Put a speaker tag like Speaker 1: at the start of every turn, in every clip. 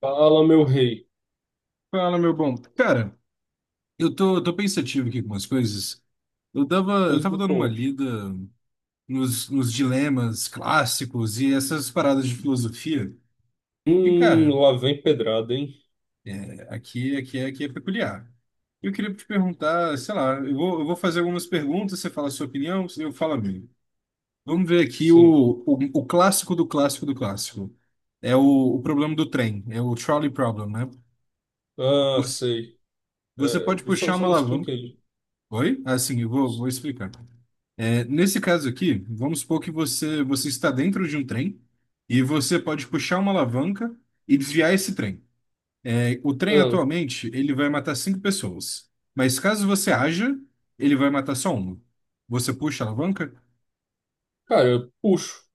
Speaker 1: Fala, meu rei.
Speaker 2: Fala, meu bom. Cara, eu tô pensativo aqui com umas coisas. Eu tava, eu
Speaker 1: Pois
Speaker 2: tava
Speaker 1: me
Speaker 2: dando uma
Speaker 1: conte.
Speaker 2: lida nos dilemas clássicos e essas paradas de filosofia. E, cara,
Speaker 1: Lá vem pedrada, hein?
Speaker 2: aqui é peculiar. Eu queria te perguntar, sei lá, eu vou fazer algumas perguntas, você fala a sua opinião, eu falo a minha. Vamos ver aqui
Speaker 1: Sim.
Speaker 2: o clássico do clássico do clássico. É o problema do trem, é o trolley problem, né?
Speaker 1: Ah,
Speaker 2: Você,
Speaker 1: sei.
Speaker 2: você pode
Speaker 1: É, só,
Speaker 2: puxar
Speaker 1: só
Speaker 2: uma
Speaker 1: me explica
Speaker 2: alavanca.
Speaker 1: aí.
Speaker 2: Oi? Assim, eu vou explicar. É, nesse caso aqui, vamos supor que você está dentro de um trem e você pode puxar uma alavanca e desviar esse trem. É, o trem
Speaker 1: Ah,
Speaker 2: atualmente ele vai matar cinco pessoas, mas caso você haja, ele vai matar só uma. Você puxa a alavanca?
Speaker 1: cara, eu puxo.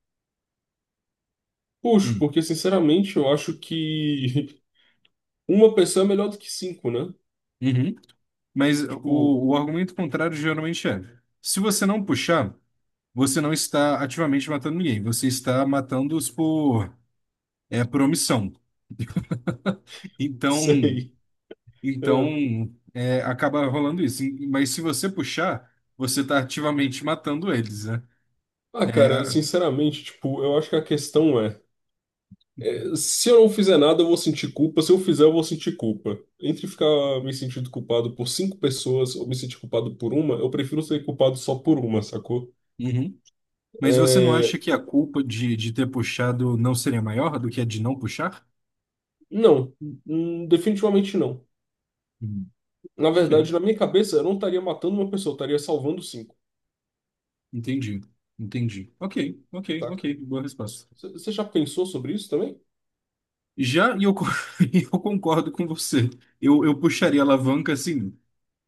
Speaker 1: Puxo,
Speaker 2: Hum.
Speaker 1: porque sinceramente eu acho que uma pessoa é melhor do que cinco, né?
Speaker 2: Uhum. Mas
Speaker 1: Tipo,
Speaker 2: o argumento contrário geralmente é: se você não puxar, você não está ativamente matando ninguém, você está matando-os por, por omissão. Então,
Speaker 1: sei. Ah,
Speaker 2: Então, acaba rolando isso. Mas se você puxar, você está ativamente matando eles, né?
Speaker 1: Ah,
Speaker 2: É,
Speaker 1: cara,
Speaker 2: a-
Speaker 1: sinceramente, tipo, eu acho que a questão é. É, se eu não fizer nada, eu vou sentir culpa. Se eu fizer, eu vou sentir culpa. Entre ficar me sentindo culpado por cinco pessoas ou me sentir culpado por uma, eu prefiro ser culpado só por uma, sacou?
Speaker 2: Uhum. Mas você não
Speaker 1: É,
Speaker 2: acha que a culpa de ter puxado não seria maior do que a de não puxar?
Speaker 1: não, definitivamente não.
Speaker 2: Hum.
Speaker 1: Na
Speaker 2: Ok,
Speaker 1: verdade, na minha cabeça, eu não estaria matando uma pessoa, eu estaria salvando cinco,
Speaker 2: entendi. Entendi. Ok, ok,
Speaker 1: saca?
Speaker 2: ok. Boa resposta.
Speaker 1: Você já pensou sobre isso também?
Speaker 2: Já, e eu concordo com você. Eu puxaria a alavanca, assim,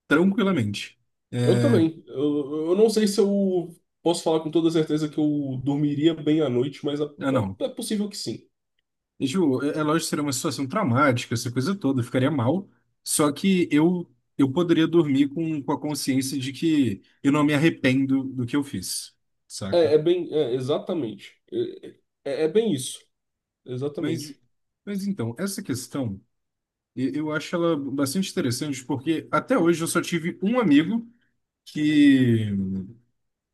Speaker 2: tranquilamente.
Speaker 1: Eu
Speaker 2: É,
Speaker 1: também. Eu não sei se eu posso falar com toda certeza que eu dormiria bem à noite, mas
Speaker 2: ah, não.
Speaker 1: é possível que sim.
Speaker 2: Ju, é lógico que seria uma situação traumática, essa coisa toda, eu ficaria mal. Só que eu poderia dormir com a consciência de que eu não me arrependo do que eu fiz, saca?
Speaker 1: É, é bem, é, exatamente. É, é bem isso.
Speaker 2: Mas,
Speaker 1: Exatamente.
Speaker 2: mas então, essa questão, eu acho ela bastante interessante, porque até hoje eu só tive um amigo que,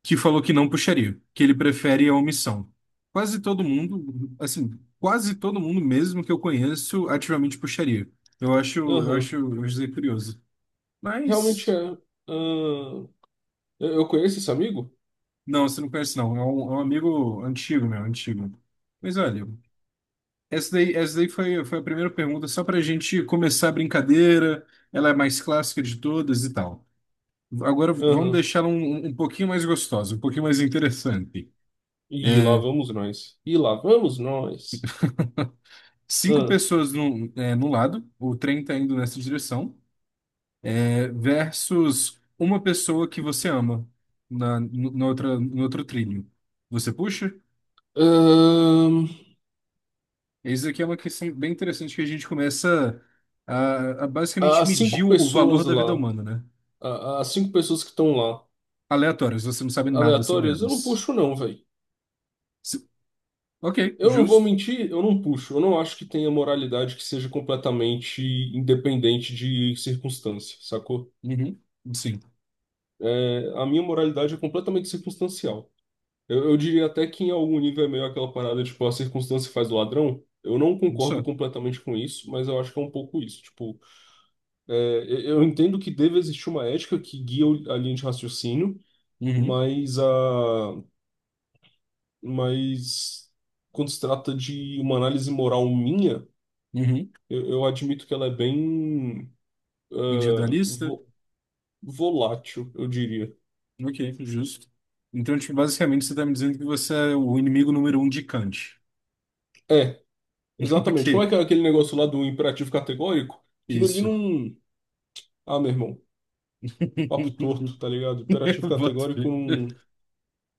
Speaker 2: que falou que não puxaria, que ele prefere a omissão. Quase todo mundo, assim, quase todo mundo mesmo que eu conheço ativamente puxaria. Eu acho, eu
Speaker 1: Aham.
Speaker 2: acho, eu acho curioso.
Speaker 1: Realmente é.
Speaker 2: Mas,
Speaker 1: Ahn. Eu conheço esse amigo?
Speaker 2: não, você não conhece, não. É um amigo antigo, meu, antigo. Mas olha, essa daí foi a primeira pergunta, só para gente começar a brincadeira. Ela é mais clássica de todas e tal. Agora vamos
Speaker 1: Aham.
Speaker 2: deixar um pouquinho mais gostosa, um pouquinho mais interessante.
Speaker 1: E lá
Speaker 2: É,
Speaker 1: vamos nós. E lá vamos nós.
Speaker 2: cinco
Speaker 1: Ahn.
Speaker 2: pessoas no lado, o trem tá indo nessa direção, versus uma pessoa que você ama na, no, na outra, no outro trilho. Você puxa?
Speaker 1: Ahn,
Speaker 2: Isso aqui é uma questão bem interessante que a gente começa a basicamente
Speaker 1: As
Speaker 2: medir
Speaker 1: cinco
Speaker 2: o valor
Speaker 1: pessoas
Speaker 2: da vida
Speaker 1: lá.
Speaker 2: humana, né?
Speaker 1: As cinco pessoas que estão lá.
Speaker 2: Aleatórias, você não sabe nada sobre
Speaker 1: Aleatórias, eu não
Speaker 2: elas.
Speaker 1: puxo, não, velho.
Speaker 2: Se- ok,
Speaker 1: Eu não vou
Speaker 2: justo.
Speaker 1: mentir, eu não puxo. Eu não acho que tenha moralidade que seja completamente independente de circunstância, sacou?
Speaker 2: Uhum. Sim,
Speaker 1: É, a minha moralidade é completamente circunstancial. Eu diria até que em algum nível é meio aquela parada, tipo, a circunstância faz o ladrão. Eu não concordo
Speaker 2: só.
Speaker 1: completamente com isso, mas eu acho que é um pouco isso. Tipo, é, eu entendo que deve existir uma ética que guia o- a linha de raciocínio,
Speaker 2: Uhum.
Speaker 1: mas a, mas quando se trata de uma análise moral minha,
Speaker 2: Uhum.
Speaker 1: eu admito que ela é bem, ah,
Speaker 2: Individualista?
Speaker 1: vo- volátil, eu diria.
Speaker 2: Ok, justo. Então, tipo, basicamente, você está me dizendo que você é o inimigo número um de Kant.
Speaker 1: É. Exatamente. Como é
Speaker 2: Ok,
Speaker 1: que é aquele negócio lá do imperativo categórico? Aquilo ali
Speaker 2: isso.
Speaker 1: não. Ah, meu irmão, papo torto, tá ligado? Imperativo
Speaker 2: Eu boto
Speaker 1: categórico
Speaker 2: fé.
Speaker 1: não.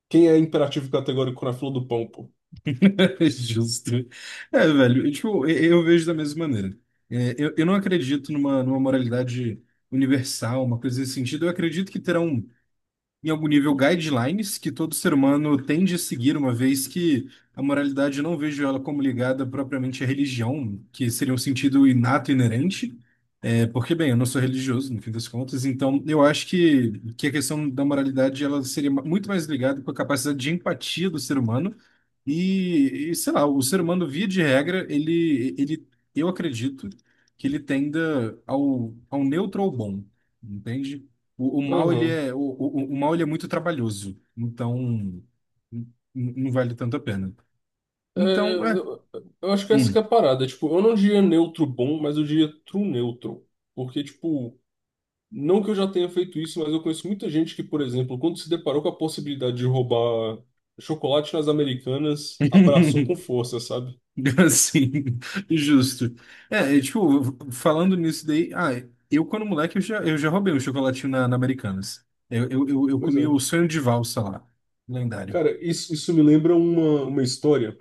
Speaker 1: Quem é imperativo categórico na fila do pão, pô?
Speaker 2: Justo. Velho, e, tipo, eu vejo da mesma maneira. Eu não acredito numa moralidade universal, uma coisa nesse sentido. Eu acredito que terão em algum nível, guidelines que todo ser humano tende a seguir, uma vez que a moralidade eu não vejo ela como ligada propriamente à religião, que seria um sentido inato, e inerente, porque, bem, eu não sou religioso, no fim das contas, então eu acho que a questão da moralidade ela seria muito mais ligada com a capacidade de empatia do ser humano e, sei lá, o ser humano, via de regra, eu acredito que ele tenda ao neutro ou bom, entende? O, o mal ele
Speaker 1: Aham.
Speaker 2: é o, o, o mal ele é muito trabalhoso, então não vale tanto a pena.
Speaker 1: É,
Speaker 2: Então, é.
Speaker 1: eu acho que essa que
Speaker 2: Hum.
Speaker 1: é a parada. Tipo, eu não diria neutro bom, mas eu diria true neutro. Porque, tipo, não que eu já tenha feito isso, mas eu conheço muita gente que, por exemplo, quando se deparou com a possibilidade de roubar chocolate nas Americanas, abraçou com força, sabe?
Speaker 2: Assim, justo. Tipo, falando nisso daí, eu quando moleque eu já roubei um chocolatinho na Americanas. Eu
Speaker 1: Pois
Speaker 2: comi
Speaker 1: é.
Speaker 2: o sonho de valsa lá, lendário.
Speaker 1: Cara, isso me lembra uma história.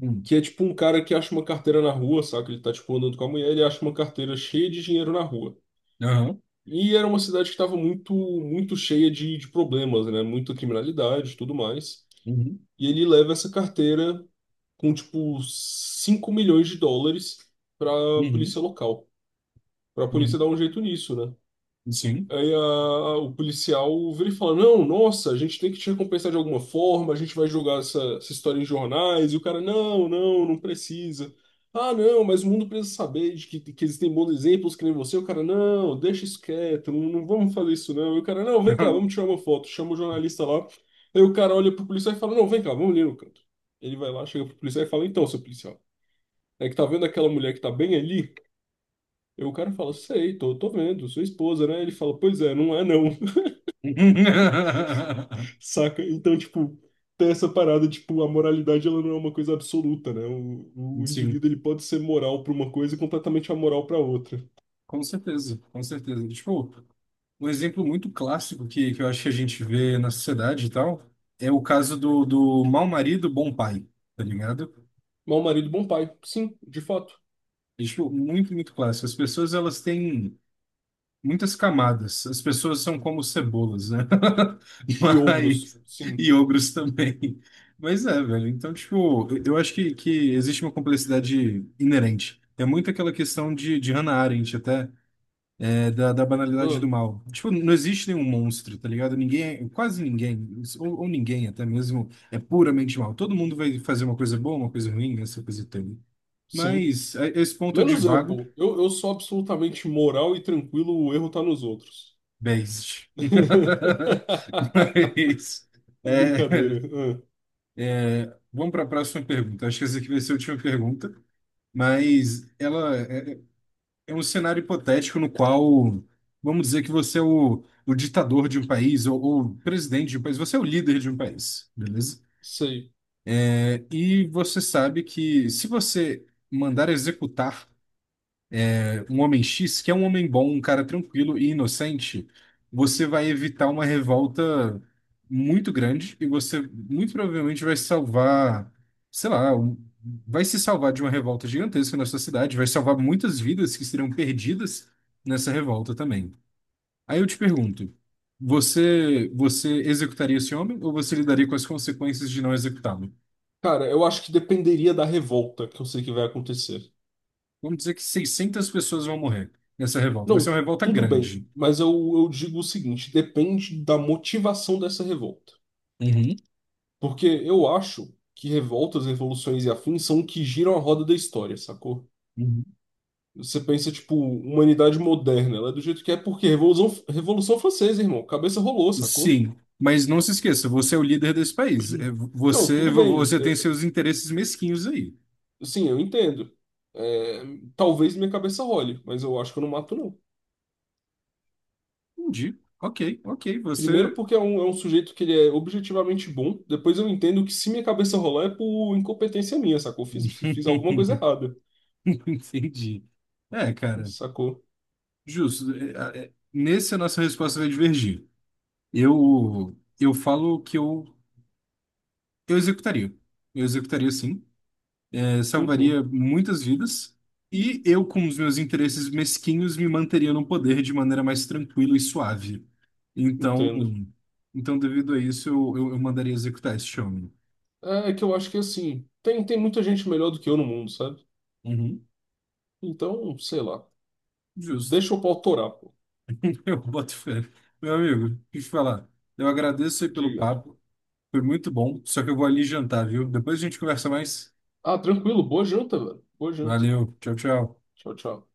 Speaker 2: Hum.
Speaker 1: Que é tipo um cara que acha uma carteira na rua, saca? Ele tá tipo andando com a mulher, ele acha uma carteira cheia de dinheiro na rua.
Speaker 2: Aham.
Speaker 1: E era uma cidade que estava muito, muito cheia de problemas, né? Muita criminalidade e tudo mais.
Speaker 2: Uhum.
Speaker 1: E ele leva essa carteira com tipo 5 milhões de dólares pra
Speaker 2: Uhum.
Speaker 1: polícia local. Pra polícia
Speaker 2: Uhum.
Speaker 1: dar um jeito nisso, né?
Speaker 2: Sim.
Speaker 1: O policial vira e fala: Não, nossa, a gente tem que te recompensar de alguma forma, a gente vai jogar essa, essa história em jornais. E o cara: Não, não, não precisa. Ah, não, mas o mundo precisa saber de que existem bons exemplos que nem você. O cara: Não, deixa isso quieto, não, não vamos fazer isso não. E o cara: Não, vem cá,
Speaker 2: Aham.
Speaker 1: vamos tirar uma foto. Chama o jornalista lá. Aí o cara olha pro policial e fala: Não, vem cá, vamos ali no canto. Ele vai lá, chega pro policial e fala: Então, seu policial, é que tá vendo aquela mulher que tá bem ali? E o cara fala, sei, tô vendo, sua esposa, né? Ele fala, pois é, não é não. Saca? Então, tipo, tem essa parada, tipo, a moralidade ela não é uma coisa absoluta, né? O
Speaker 2: Sim,
Speaker 1: indivíduo ele pode ser moral para uma coisa e completamente amoral para outra.
Speaker 2: com certeza, com certeza. Tipo, um exemplo muito clássico que eu acho que a gente vê na sociedade e tal é o caso do mau marido, bom pai, tá ligado?
Speaker 1: Mau marido, bom pai. Sim, de fato.
Speaker 2: É, tipo, muito clássico. As pessoas, elas têm muitas camadas. As pessoas são como cebolas, né?
Speaker 1: E ogros.
Speaker 2: Mas...
Speaker 1: Sim.
Speaker 2: E ogros também. Mas é, velho. Então, tipo, eu acho que existe uma complexidade inerente. É muito aquela questão de Hannah Arendt, até. É da banalidade do
Speaker 1: Hum,
Speaker 2: mal. Tipo, não existe nenhum monstro, tá ligado? Ninguém, quase ninguém, ou ninguém até mesmo, é puramente mal. Todo mundo vai fazer uma coisa boa, uma coisa ruim, né? Essa coisa toda.
Speaker 1: sim.
Speaker 2: Mas é esse ponto de
Speaker 1: Menos eu,
Speaker 2: vago,
Speaker 1: pô. Eu sou absolutamente moral e tranquilo, o erro tá nos outros.
Speaker 2: based. Mas, é,
Speaker 1: Brincadeira. Hum,
Speaker 2: vamos para a próxima pergunta. Acho que essa aqui vai ser a última pergunta, mas ela é um cenário hipotético no qual, vamos dizer que você é o ditador de um país ou presidente de um país, você é o líder de um país, beleza?
Speaker 1: sei.
Speaker 2: E você sabe que se você mandar executar um homem X, que é um homem bom, um cara tranquilo e inocente, você vai evitar uma revolta muito grande e você muito provavelmente vai salvar, sei lá, vai se salvar de uma revolta gigantesca na sua cidade, vai salvar muitas vidas que seriam perdidas nessa revolta também. Aí eu te pergunto, você executaria esse homem ou você lidaria com as consequências de não executá-lo?
Speaker 1: Cara, eu acho que dependeria da revolta que eu sei que vai acontecer.
Speaker 2: Vamos dizer que 600 pessoas vão morrer nessa revolta. Vai ser
Speaker 1: Não,
Speaker 2: uma revolta
Speaker 1: tudo bem,
Speaker 2: grande.
Speaker 1: mas eu digo o seguinte: depende da motivação dessa revolta.
Speaker 2: Uhum.
Speaker 1: Porque eu acho que revoltas, revoluções e afins são o que giram a roda da história, sacou?
Speaker 2: Uhum.
Speaker 1: Você pensa, tipo, humanidade moderna, ela é do jeito que é, porque Revolução Francesa, irmão, cabeça rolou, sacou?
Speaker 2: Sim, mas não se esqueça, você é o líder desse país.
Speaker 1: Não,
Speaker 2: Você,
Speaker 1: tudo bem,
Speaker 2: você tem seus interesses mesquinhos aí.
Speaker 1: sim, eu entendo. É, talvez minha cabeça role, mas eu acho que eu não mato, não.
Speaker 2: Entendi. Ok, ok, você.
Speaker 1: Primeiro porque é um sujeito que ele é objetivamente bom. Depois eu entendo que se minha cabeça rolar é por incompetência minha, sacou? Fiz alguma coisa errada,
Speaker 2: Entendi. É, cara,
Speaker 1: sacou?
Speaker 2: justo. Nesse, a nossa resposta vai divergir. Eu falo que eu executaria. Eu executaria sim.
Speaker 1: Uhum,
Speaker 2: Salvaria muitas vidas. E eu, com os meus interesses mesquinhos, me manteria no poder de maneira mais tranquila e suave. Então,
Speaker 1: entendo.
Speaker 2: então devido a isso, eu mandaria executar esse homem.
Speaker 1: É que eu acho que assim, tem muita gente melhor do que eu no mundo, sabe?
Speaker 2: Uhum,
Speaker 1: Então, sei lá.
Speaker 2: justo.
Speaker 1: Deixa o eu torar, pô.
Speaker 2: Eu boto fé. Meu amigo, deixa eu te falar. Eu agradeço aí pelo
Speaker 1: Diga.
Speaker 2: papo. Foi muito bom. Só que eu vou ali jantar, viu? Depois a gente conversa mais.
Speaker 1: Ah, tranquilo. Boa janta, velho. Boa janta.
Speaker 2: Valeu. Tchau, tchau.
Speaker 1: Tchau, tchau.